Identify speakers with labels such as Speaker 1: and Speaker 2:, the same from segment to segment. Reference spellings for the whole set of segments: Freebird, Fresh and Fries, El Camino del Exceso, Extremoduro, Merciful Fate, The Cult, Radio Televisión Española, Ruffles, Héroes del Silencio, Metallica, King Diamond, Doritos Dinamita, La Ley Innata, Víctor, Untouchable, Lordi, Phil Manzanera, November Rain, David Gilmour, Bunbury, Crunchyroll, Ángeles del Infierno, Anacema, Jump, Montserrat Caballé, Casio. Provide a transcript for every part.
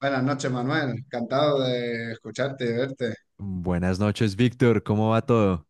Speaker 1: Buenas noches, Manuel. Encantado de escucharte y de verte.
Speaker 2: Buenas noches, Víctor. ¿Cómo va todo?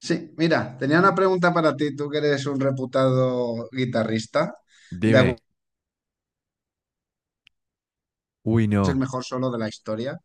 Speaker 1: Sí, mira, tenía una pregunta para ti, tú que eres un reputado guitarrista, de
Speaker 2: Dime.
Speaker 1: algún
Speaker 2: Uy,
Speaker 1: es el
Speaker 2: no.
Speaker 1: mejor solo de la historia,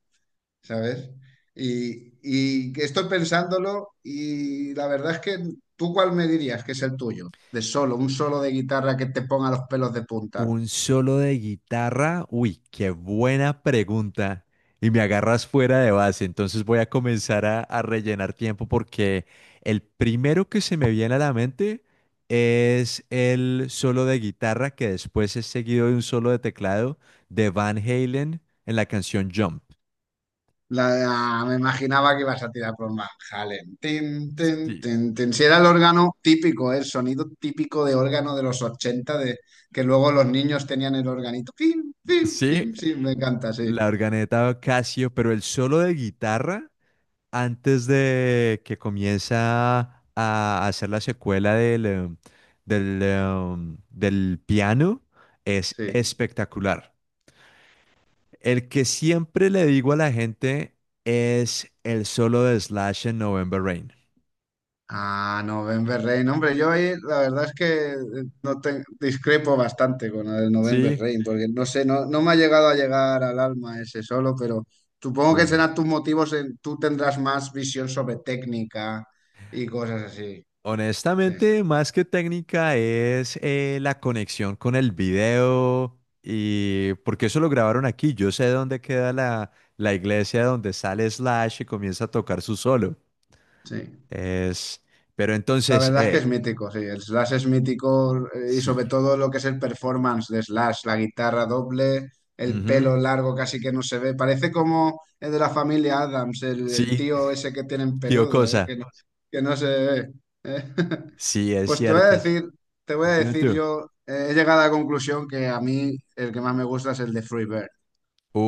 Speaker 1: ¿sabes? Y que estoy pensándolo y la verdad es que tú cuál me dirías que es el tuyo, de solo, un solo de guitarra que te ponga los pelos de punta.
Speaker 2: ¿Un solo de guitarra? Uy, qué buena pregunta. Y me agarras fuera de base. Entonces voy a comenzar a rellenar tiempo porque el primero que se me viene a la mente es el solo de guitarra que después es seguido de un solo de teclado de Van Halen en la canción Jump.
Speaker 1: La, ah, me imaginaba que ibas a tirar por Van Halen. Tin, tin,
Speaker 2: Sí,
Speaker 1: tin, tin. Si era el órgano típico, el sonido típico de órgano de los 80, de, que luego los niños tenían el organito. Pim, pim,
Speaker 2: sí,
Speaker 1: pim. Sí, me encanta, sí.
Speaker 2: la organeta Casio, pero el solo de guitarra antes de que comienza a hacer la secuela del piano es
Speaker 1: Sí.
Speaker 2: espectacular. El que siempre le digo a la gente es el solo de Slash en November Rain.
Speaker 1: Ah, no, November Rain. Hombre, yo ahí la verdad es que no te- discrepo bastante con el November
Speaker 2: Sí,
Speaker 1: Rain, porque no sé, no, no me ha llegado a llegar al alma ese solo, pero supongo que
Speaker 2: bueno.
Speaker 1: serán tus motivos, en- tú tendrás más visión sobre técnica y cosas así. Sí,
Speaker 2: Honestamente, más que técnica es la conexión con el video, y porque eso lo grabaron aquí. Yo sé dónde queda la iglesia donde sale Slash y comienza a tocar su solo.
Speaker 1: sí.
Speaker 2: Es, pero
Speaker 1: La
Speaker 2: entonces,
Speaker 1: verdad es que es mítico, sí. El Slash es mítico y sobre
Speaker 2: sí.
Speaker 1: todo lo que es el performance de Slash, la guitarra doble, el
Speaker 2: Ujú,
Speaker 1: pelo largo casi que no se ve. Parece como el de la familia Adams, el
Speaker 2: sí,
Speaker 1: tío ese que tienen
Speaker 2: tío
Speaker 1: peludo,
Speaker 2: Cosa.
Speaker 1: que no se ve. Eh.
Speaker 2: Sí, es
Speaker 1: Pues te voy a
Speaker 2: cierto.
Speaker 1: decir, te voy a
Speaker 2: Dime
Speaker 1: decir
Speaker 2: tú.
Speaker 1: yo, he llegado a la conclusión que a mí el que más me gusta es el de Freebird.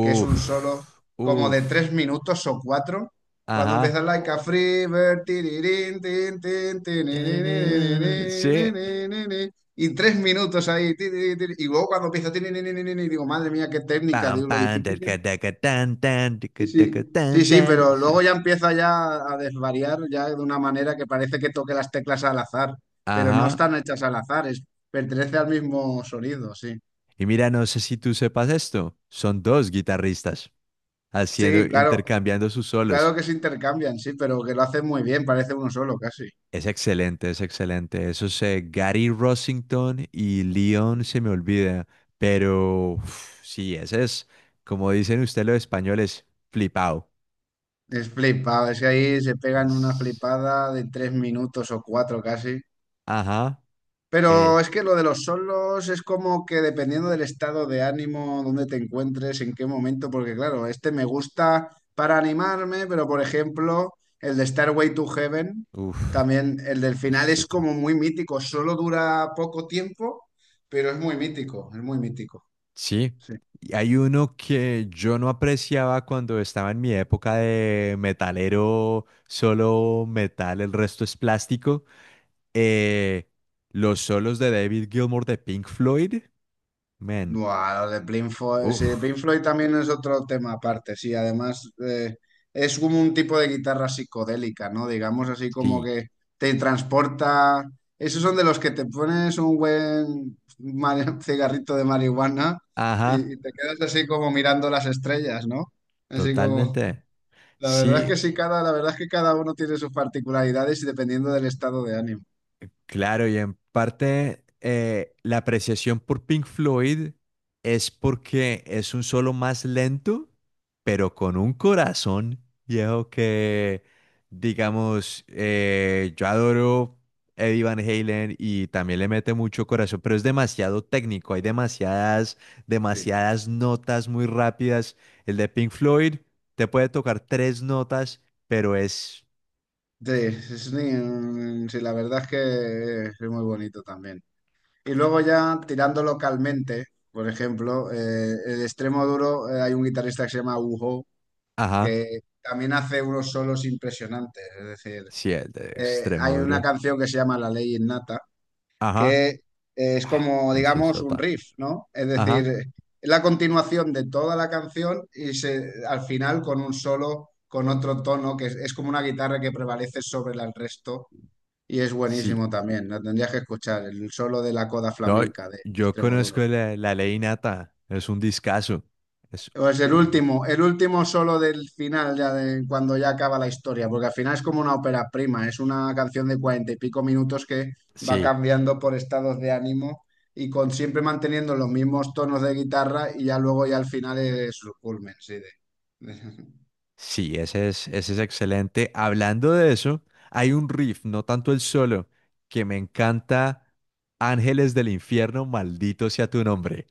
Speaker 1: Que es un solo como de
Speaker 2: uf.
Speaker 1: tres minutos o cuatro. Cuando empieza
Speaker 2: Ajá.
Speaker 1: like a free bird, tirirín, tin, tin,
Speaker 2: Tararara, sí.
Speaker 1: tinirininininininini, y tres minutos ahí, tirirí, y luego cuando empieza, y digo, madre mía, qué técnica,
Speaker 2: Pam,
Speaker 1: digo, lo
Speaker 2: pam,
Speaker 1: difícil que
Speaker 2: taca,
Speaker 1: es.
Speaker 2: taca, tan, tan, tica,
Speaker 1: Sí,
Speaker 2: taca,
Speaker 1: sí, sí,
Speaker 2: tan,
Speaker 1: sí,
Speaker 2: tan.
Speaker 1: pero
Speaker 2: Sí.
Speaker 1: luego ya empieza ya a desvariar, ya de una manera que parece que toque las teclas al azar, pero no
Speaker 2: Ajá.
Speaker 1: están hechas al azar, es, pertenece al mismo sonido, sí.
Speaker 2: Y mira, no sé si tú sepas esto. Son dos guitarristas
Speaker 1: Sí, claro.
Speaker 2: intercambiando sus solos.
Speaker 1: Claro que se intercambian, sí, pero que lo hacen muy bien, parece uno solo casi.
Speaker 2: Es excelente, es excelente. Esos Gary Rossington y Leon se me olvida, pero uf, sí, ese es, como dicen ustedes los españoles, flipado.
Speaker 1: Es flipado, es que ahí se pegan una
Speaker 2: Es,
Speaker 1: flipada de tres minutos o cuatro casi.
Speaker 2: ajá,
Speaker 1: Pero
Speaker 2: eh,
Speaker 1: es que lo de los solos es como que dependiendo del estado de ánimo, dónde te encuentres, en qué momento, porque claro, este me gusta para animarme, pero por ejemplo, el de Starway to Heaven,
Speaker 2: uf,
Speaker 1: también el del
Speaker 2: ese
Speaker 1: final
Speaker 2: es
Speaker 1: es
Speaker 2: otro.
Speaker 1: como muy mítico, solo dura poco tiempo, pero es muy mítico, es muy mítico.
Speaker 2: Sí,
Speaker 1: Sí.
Speaker 2: y hay uno que yo no apreciaba cuando estaba en mi época de metalero. Solo metal, el resto es plástico. eh, los solos de David Gilmour de Pink Floyd, man.
Speaker 1: Buah, lo de Pink Floyd, sí, Pink
Speaker 2: Uf.
Speaker 1: Floyd también es otro tema aparte, sí, además es como un tipo de guitarra psicodélica, ¿no? Digamos así como
Speaker 2: Sí,
Speaker 1: que te transporta, esos son de los que te pones un buen mari- cigarrito de marihuana
Speaker 2: ajá,
Speaker 1: y te quedas así como mirando las estrellas, ¿no? Así como,
Speaker 2: totalmente. Mm.
Speaker 1: la verdad es que
Speaker 2: Sí,
Speaker 1: sí, cada, la verdad es que cada uno tiene sus particularidades y dependiendo del estado de ánimo.
Speaker 2: claro, y en parte la apreciación por Pink Floyd es porque es un solo más lento, pero con un corazón viejo que, digamos, yo adoro Eddie Van Halen y también le mete mucho corazón, pero es demasiado técnico. Hay demasiadas,
Speaker 1: Sí,
Speaker 2: demasiadas notas muy rápidas. El de Pink Floyd te puede tocar tres notas, pero
Speaker 1: sí, es- sí, mm, sí, la verdad es que es muy bonito también. Y luego ya tirando localmente, por ejemplo, el extremo duro, hay un guitarrista que se llama Ujo,
Speaker 2: ajá,
Speaker 1: que también hace unos solos impresionantes. Es decir,
Speaker 2: sí, el de extremo
Speaker 1: hay una
Speaker 2: duro,
Speaker 1: canción que se llama La Ley Innata, que
Speaker 2: ajá.
Speaker 1: es
Speaker 2: Ah,
Speaker 1: como,
Speaker 2: canción
Speaker 1: digamos, un
Speaker 2: sota.
Speaker 1: riff, ¿no? Es decir,
Speaker 2: Ajá,
Speaker 1: es la continuación de toda la canción y se, al final con un solo, con otro tono, que es como una guitarra que prevalece sobre la- el resto. Y es
Speaker 2: sí.
Speaker 1: buenísimo también, la tendrías que escuchar, el solo de la coda
Speaker 2: No,
Speaker 1: flamenca de
Speaker 2: yo
Speaker 1: Extremoduro.
Speaker 2: conozco la ley innata. Es un discazo. Es
Speaker 1: Pues
Speaker 2: un dis-
Speaker 1: el último solo del final, ya de cuando ya acaba la historia, porque al final es como una ópera prima, es una canción de cuarenta y pico minutos que va
Speaker 2: Sí,
Speaker 1: cambiando por estados de ánimo y con siempre manteniendo los mismos tonos de guitarra y ya luego ya al final es su culmen, sí, de-
Speaker 2: sí, ese es excelente. Hablando de eso, hay un riff, no tanto el solo, que me encanta. Ángeles del Infierno, maldito sea tu nombre.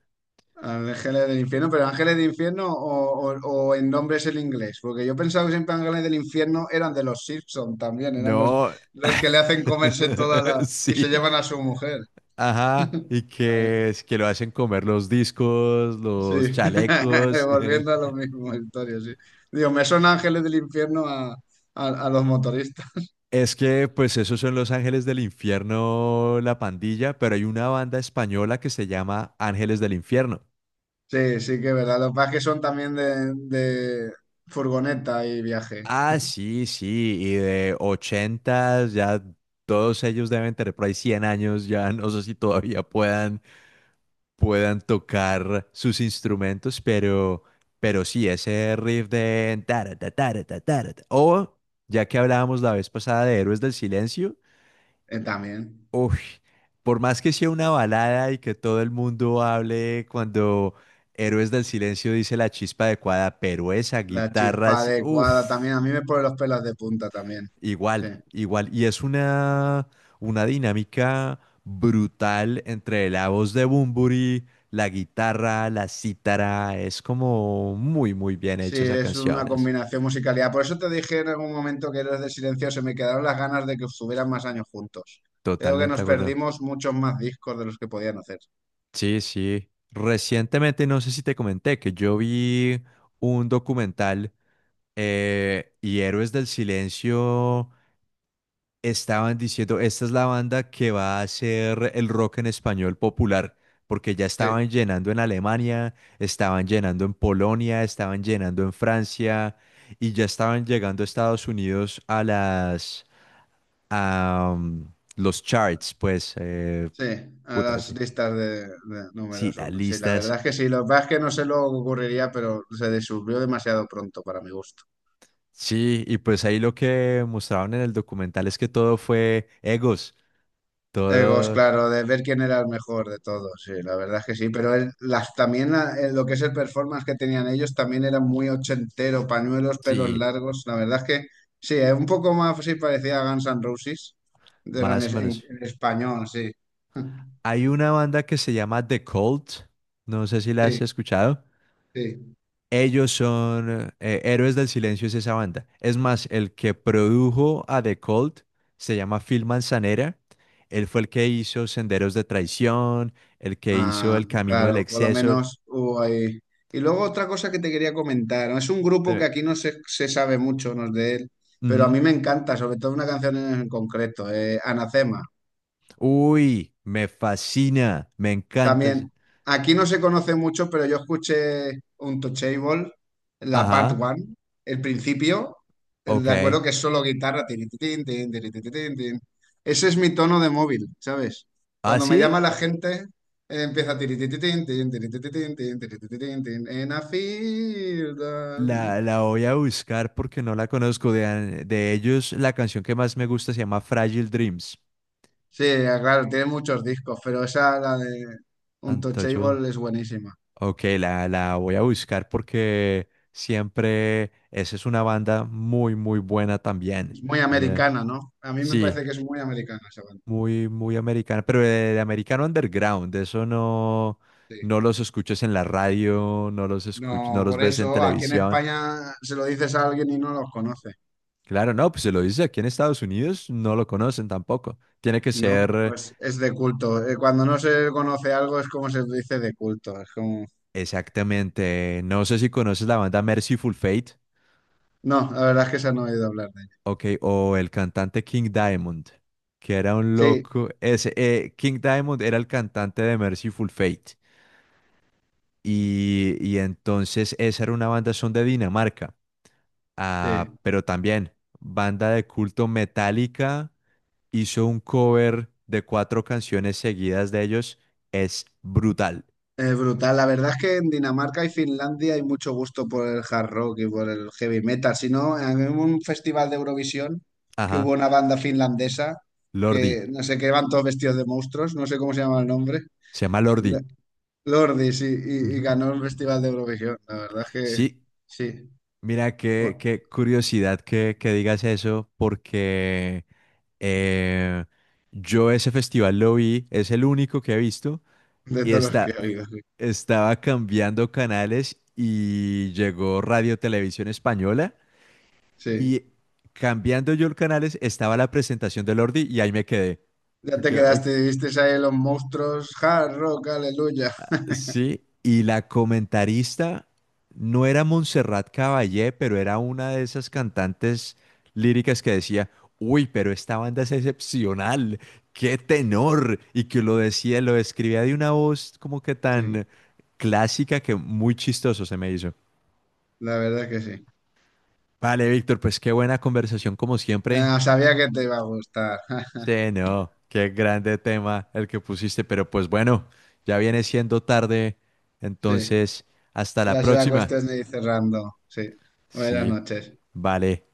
Speaker 1: Ángeles del Infierno, pero Ángeles del Infierno o en nombre es el inglés, porque yo pensaba que siempre Ángeles del Infierno eran de los Simpson también, eran
Speaker 2: No.
Speaker 1: los que le hacen comerse toda la y se
Speaker 2: Sí,
Speaker 1: llevan a su mujer.
Speaker 2: ajá, es que lo hacen comer los discos,
Speaker 1: Sí,
Speaker 2: los chalecos.
Speaker 1: volviendo a lo mismo, historia, sí. Digo, me son ángeles del infierno a los motoristas.
Speaker 2: Es que, pues, esos son los Ángeles del Infierno, la pandilla, pero hay una banda española que se llama Ángeles del Infierno.
Speaker 1: Sí, sí que es verdad. Los que es que son también de furgoneta y viaje.
Speaker 2: Ah, sí, sí, y de ochentas. Ya todos ellos deben tener por ahí 100 años. Ya no sé si todavía puedan tocar sus instrumentos, pero sí, ese riff de tarata, tarata, tarata. O, ya que hablábamos la vez pasada de Héroes del Silencio,
Speaker 1: También.
Speaker 2: uy, por más que sea una balada y que todo el mundo hable cuando Héroes del Silencio dice la chispa adecuada, pero esa
Speaker 1: La
Speaker 2: guitarra,
Speaker 1: chispa adecuada también.
Speaker 2: uff,
Speaker 1: A mí me pone los pelos de punta también. Sí.
Speaker 2: igual, igual. Y es una dinámica brutal entre la voz de Bunbury, la guitarra, la cítara. Es como muy, muy bien
Speaker 1: Sí,
Speaker 2: hecha esas
Speaker 1: es una
Speaker 2: canciones.
Speaker 1: combinación musicalidad. Por eso te dije en algún momento que eres de silencio, se me quedaron las ganas de que estuvieran más años juntos. Creo que
Speaker 2: Totalmente de
Speaker 1: nos
Speaker 2: acuerdo.
Speaker 1: perdimos muchos más discos de los que podían hacer.
Speaker 2: Sí, sí. Recientemente, no sé si te comenté que yo vi un documental, y Héroes del Silencio estaban diciendo, esta es la banda que va a hacer el rock en español popular, porque ya
Speaker 1: Sí.
Speaker 2: estaban llenando en Alemania, estaban llenando en Polonia, estaban llenando en Francia y ya estaban llegando a Estados Unidos, a las a mm, los charts, pues
Speaker 1: Sí, a
Speaker 2: puta,
Speaker 1: las
Speaker 2: sí.
Speaker 1: listas de
Speaker 2: Sí,
Speaker 1: números
Speaker 2: las
Speaker 1: uno. Sí, la
Speaker 2: listas.
Speaker 1: verdad es que sí, lo que pasa es que no sé lo que ocurriría, pero se descubrió demasiado pronto para mi gusto.
Speaker 2: Sí, y pues ahí lo que mostraron en el documental es que todo fue egos,
Speaker 1: Egos,
Speaker 2: todos.
Speaker 1: claro, de ver quién era el mejor de todos, sí, la verdad es que sí, pero el- las, también la- lo que es el performance que tenían ellos también era muy ochentero, pañuelos, pelos
Speaker 2: Sí.
Speaker 1: largos, la verdad es que sí, un poco más sí parecía a Guns N' Roses, pero en,
Speaker 2: Más o
Speaker 1: es-
Speaker 2: menos.
Speaker 1: en español, sí.
Speaker 2: Hay una banda que se llama The Cult. No sé si la has
Speaker 1: Sí,
Speaker 2: escuchado.
Speaker 1: sí.
Speaker 2: Ellos son Héroes del Silencio, es esa banda. Es más, el que produjo a The Cult se llama Phil Manzanera. Él fue el que hizo Senderos de Traición, el que hizo
Speaker 1: Ah,
Speaker 2: El Camino del
Speaker 1: claro, por lo
Speaker 2: Exceso.
Speaker 1: menos hubo ahí. Y luego otra cosa que te quería comentar, ¿no? Es un grupo que
Speaker 2: De-
Speaker 1: aquí no se, se sabe mucho, no es de él, pero a
Speaker 2: Ujú.
Speaker 1: mí me encanta, sobre todo una canción en concreto, Anacema.
Speaker 2: Uy, me fascina, me encanta.
Speaker 1: También, aquí no se conoce mucho, pero yo escuché un Touchable, la part
Speaker 2: Ajá,
Speaker 1: one, el principio, el de
Speaker 2: ok.
Speaker 1: acuerdo que es solo guitarra. Tirititín, tin, tirititín, tin. Tin, tin, tin. Ese es mi tono de móvil, ¿sabes?
Speaker 2: ¿Ah,
Speaker 1: Cuando me
Speaker 2: sí?
Speaker 1: llama la gente, empieza tiritititín, tin, tiritititín, tin, tiritititín, tin, tin, tin, tin, tin, tin, tin, in a field. Ah.
Speaker 2: La voy a buscar porque no la conozco. De ellos, la canción que más me gusta se llama Fragile Dreams.
Speaker 1: Sí, claro, tiene muchos discos, pero esa, la de
Speaker 2: Untouchable.
Speaker 1: Untouchable, es buenísima.
Speaker 2: Ok, la voy a buscar porque siempre esa es una banda muy, muy buena también.
Speaker 1: Es muy
Speaker 2: O sea,
Speaker 1: americana, ¿no? A mí me
Speaker 2: sí,
Speaker 1: parece que es muy americana esa banda.
Speaker 2: muy, muy americana, pero de americano underground. De Eso no,
Speaker 1: Sí.
Speaker 2: no los escuchas en la radio, no
Speaker 1: No,
Speaker 2: los
Speaker 1: por
Speaker 2: ves en
Speaker 1: eso aquí en
Speaker 2: televisión.
Speaker 1: España se lo dices a alguien y no los conoce,
Speaker 2: Claro, no, pues se lo dice aquí en Estados Unidos, no lo conocen tampoco. Tiene que
Speaker 1: ¿no?
Speaker 2: ser.
Speaker 1: Pues es de culto. Cuando no se conoce algo es como se dice de culto. Es como...
Speaker 2: Exactamente. No sé si conoces la banda Merciful Fate,
Speaker 1: No, la verdad es que se han oído hablar de ella.
Speaker 2: ok, o el cantante King Diamond, que era un
Speaker 1: Sí,
Speaker 2: loco. King Diamond era el cantante de Merciful Fate. Y entonces esa era una banda, son de Dinamarca. Ah,
Speaker 1: sí.
Speaker 2: pero también, banda de culto, Metallica hizo un cover de cuatro canciones seguidas de ellos. Es brutal.
Speaker 1: Es brutal. La verdad es que en Dinamarca y Finlandia hay mucho gusto por el hard rock y por el heavy metal. Si no, en un festival de Eurovisión que hubo
Speaker 2: Ajá,
Speaker 1: una banda finlandesa
Speaker 2: Lordi.
Speaker 1: que no sé que van todos vestidos de monstruos, no sé cómo se llama el nombre.
Speaker 2: Se llama Lordi.
Speaker 1: Lordi, sí, y
Speaker 2: Ujú.
Speaker 1: ganó el Festival de Eurovisión. La verdad es que
Speaker 2: Sí,
Speaker 1: sí,
Speaker 2: mira, qué,
Speaker 1: bueno,
Speaker 2: qué curiosidad que digas eso, porque eh, yo ese festival lo vi, es el único que he visto,
Speaker 1: de
Speaker 2: y
Speaker 1: todos los que he oído, sí.
Speaker 2: estaba cambiando canales y llegó Radio Televisión Española,
Speaker 1: Sí.
Speaker 2: y cambiando yo los canales estaba la presentación de Lordi y ahí me quedé.
Speaker 1: Ya te quedaste, viste ahí los monstruos, hard rock, aleluya.
Speaker 2: Sí, y la comentarista no era Montserrat Caballé, pero era una de esas cantantes líricas que decía, uy, pero esta banda es excepcional, qué tenor, y que lo describía de una voz como que tan
Speaker 1: Sí,
Speaker 2: clásica que muy chistoso se me hizo.
Speaker 1: la verdad es que sí.
Speaker 2: Vale, Víctor, pues qué buena conversación como siempre.
Speaker 1: Ah, sabía que te iba a gustar.
Speaker 2: Sí, no, qué grande tema el que pusiste, pero pues bueno, ya viene siendo tarde,
Speaker 1: Sí,
Speaker 2: entonces hasta la
Speaker 1: ya será
Speaker 2: próxima.
Speaker 1: cuestión de ir cerrando. Sí, buenas
Speaker 2: Sí,
Speaker 1: noches.
Speaker 2: vale.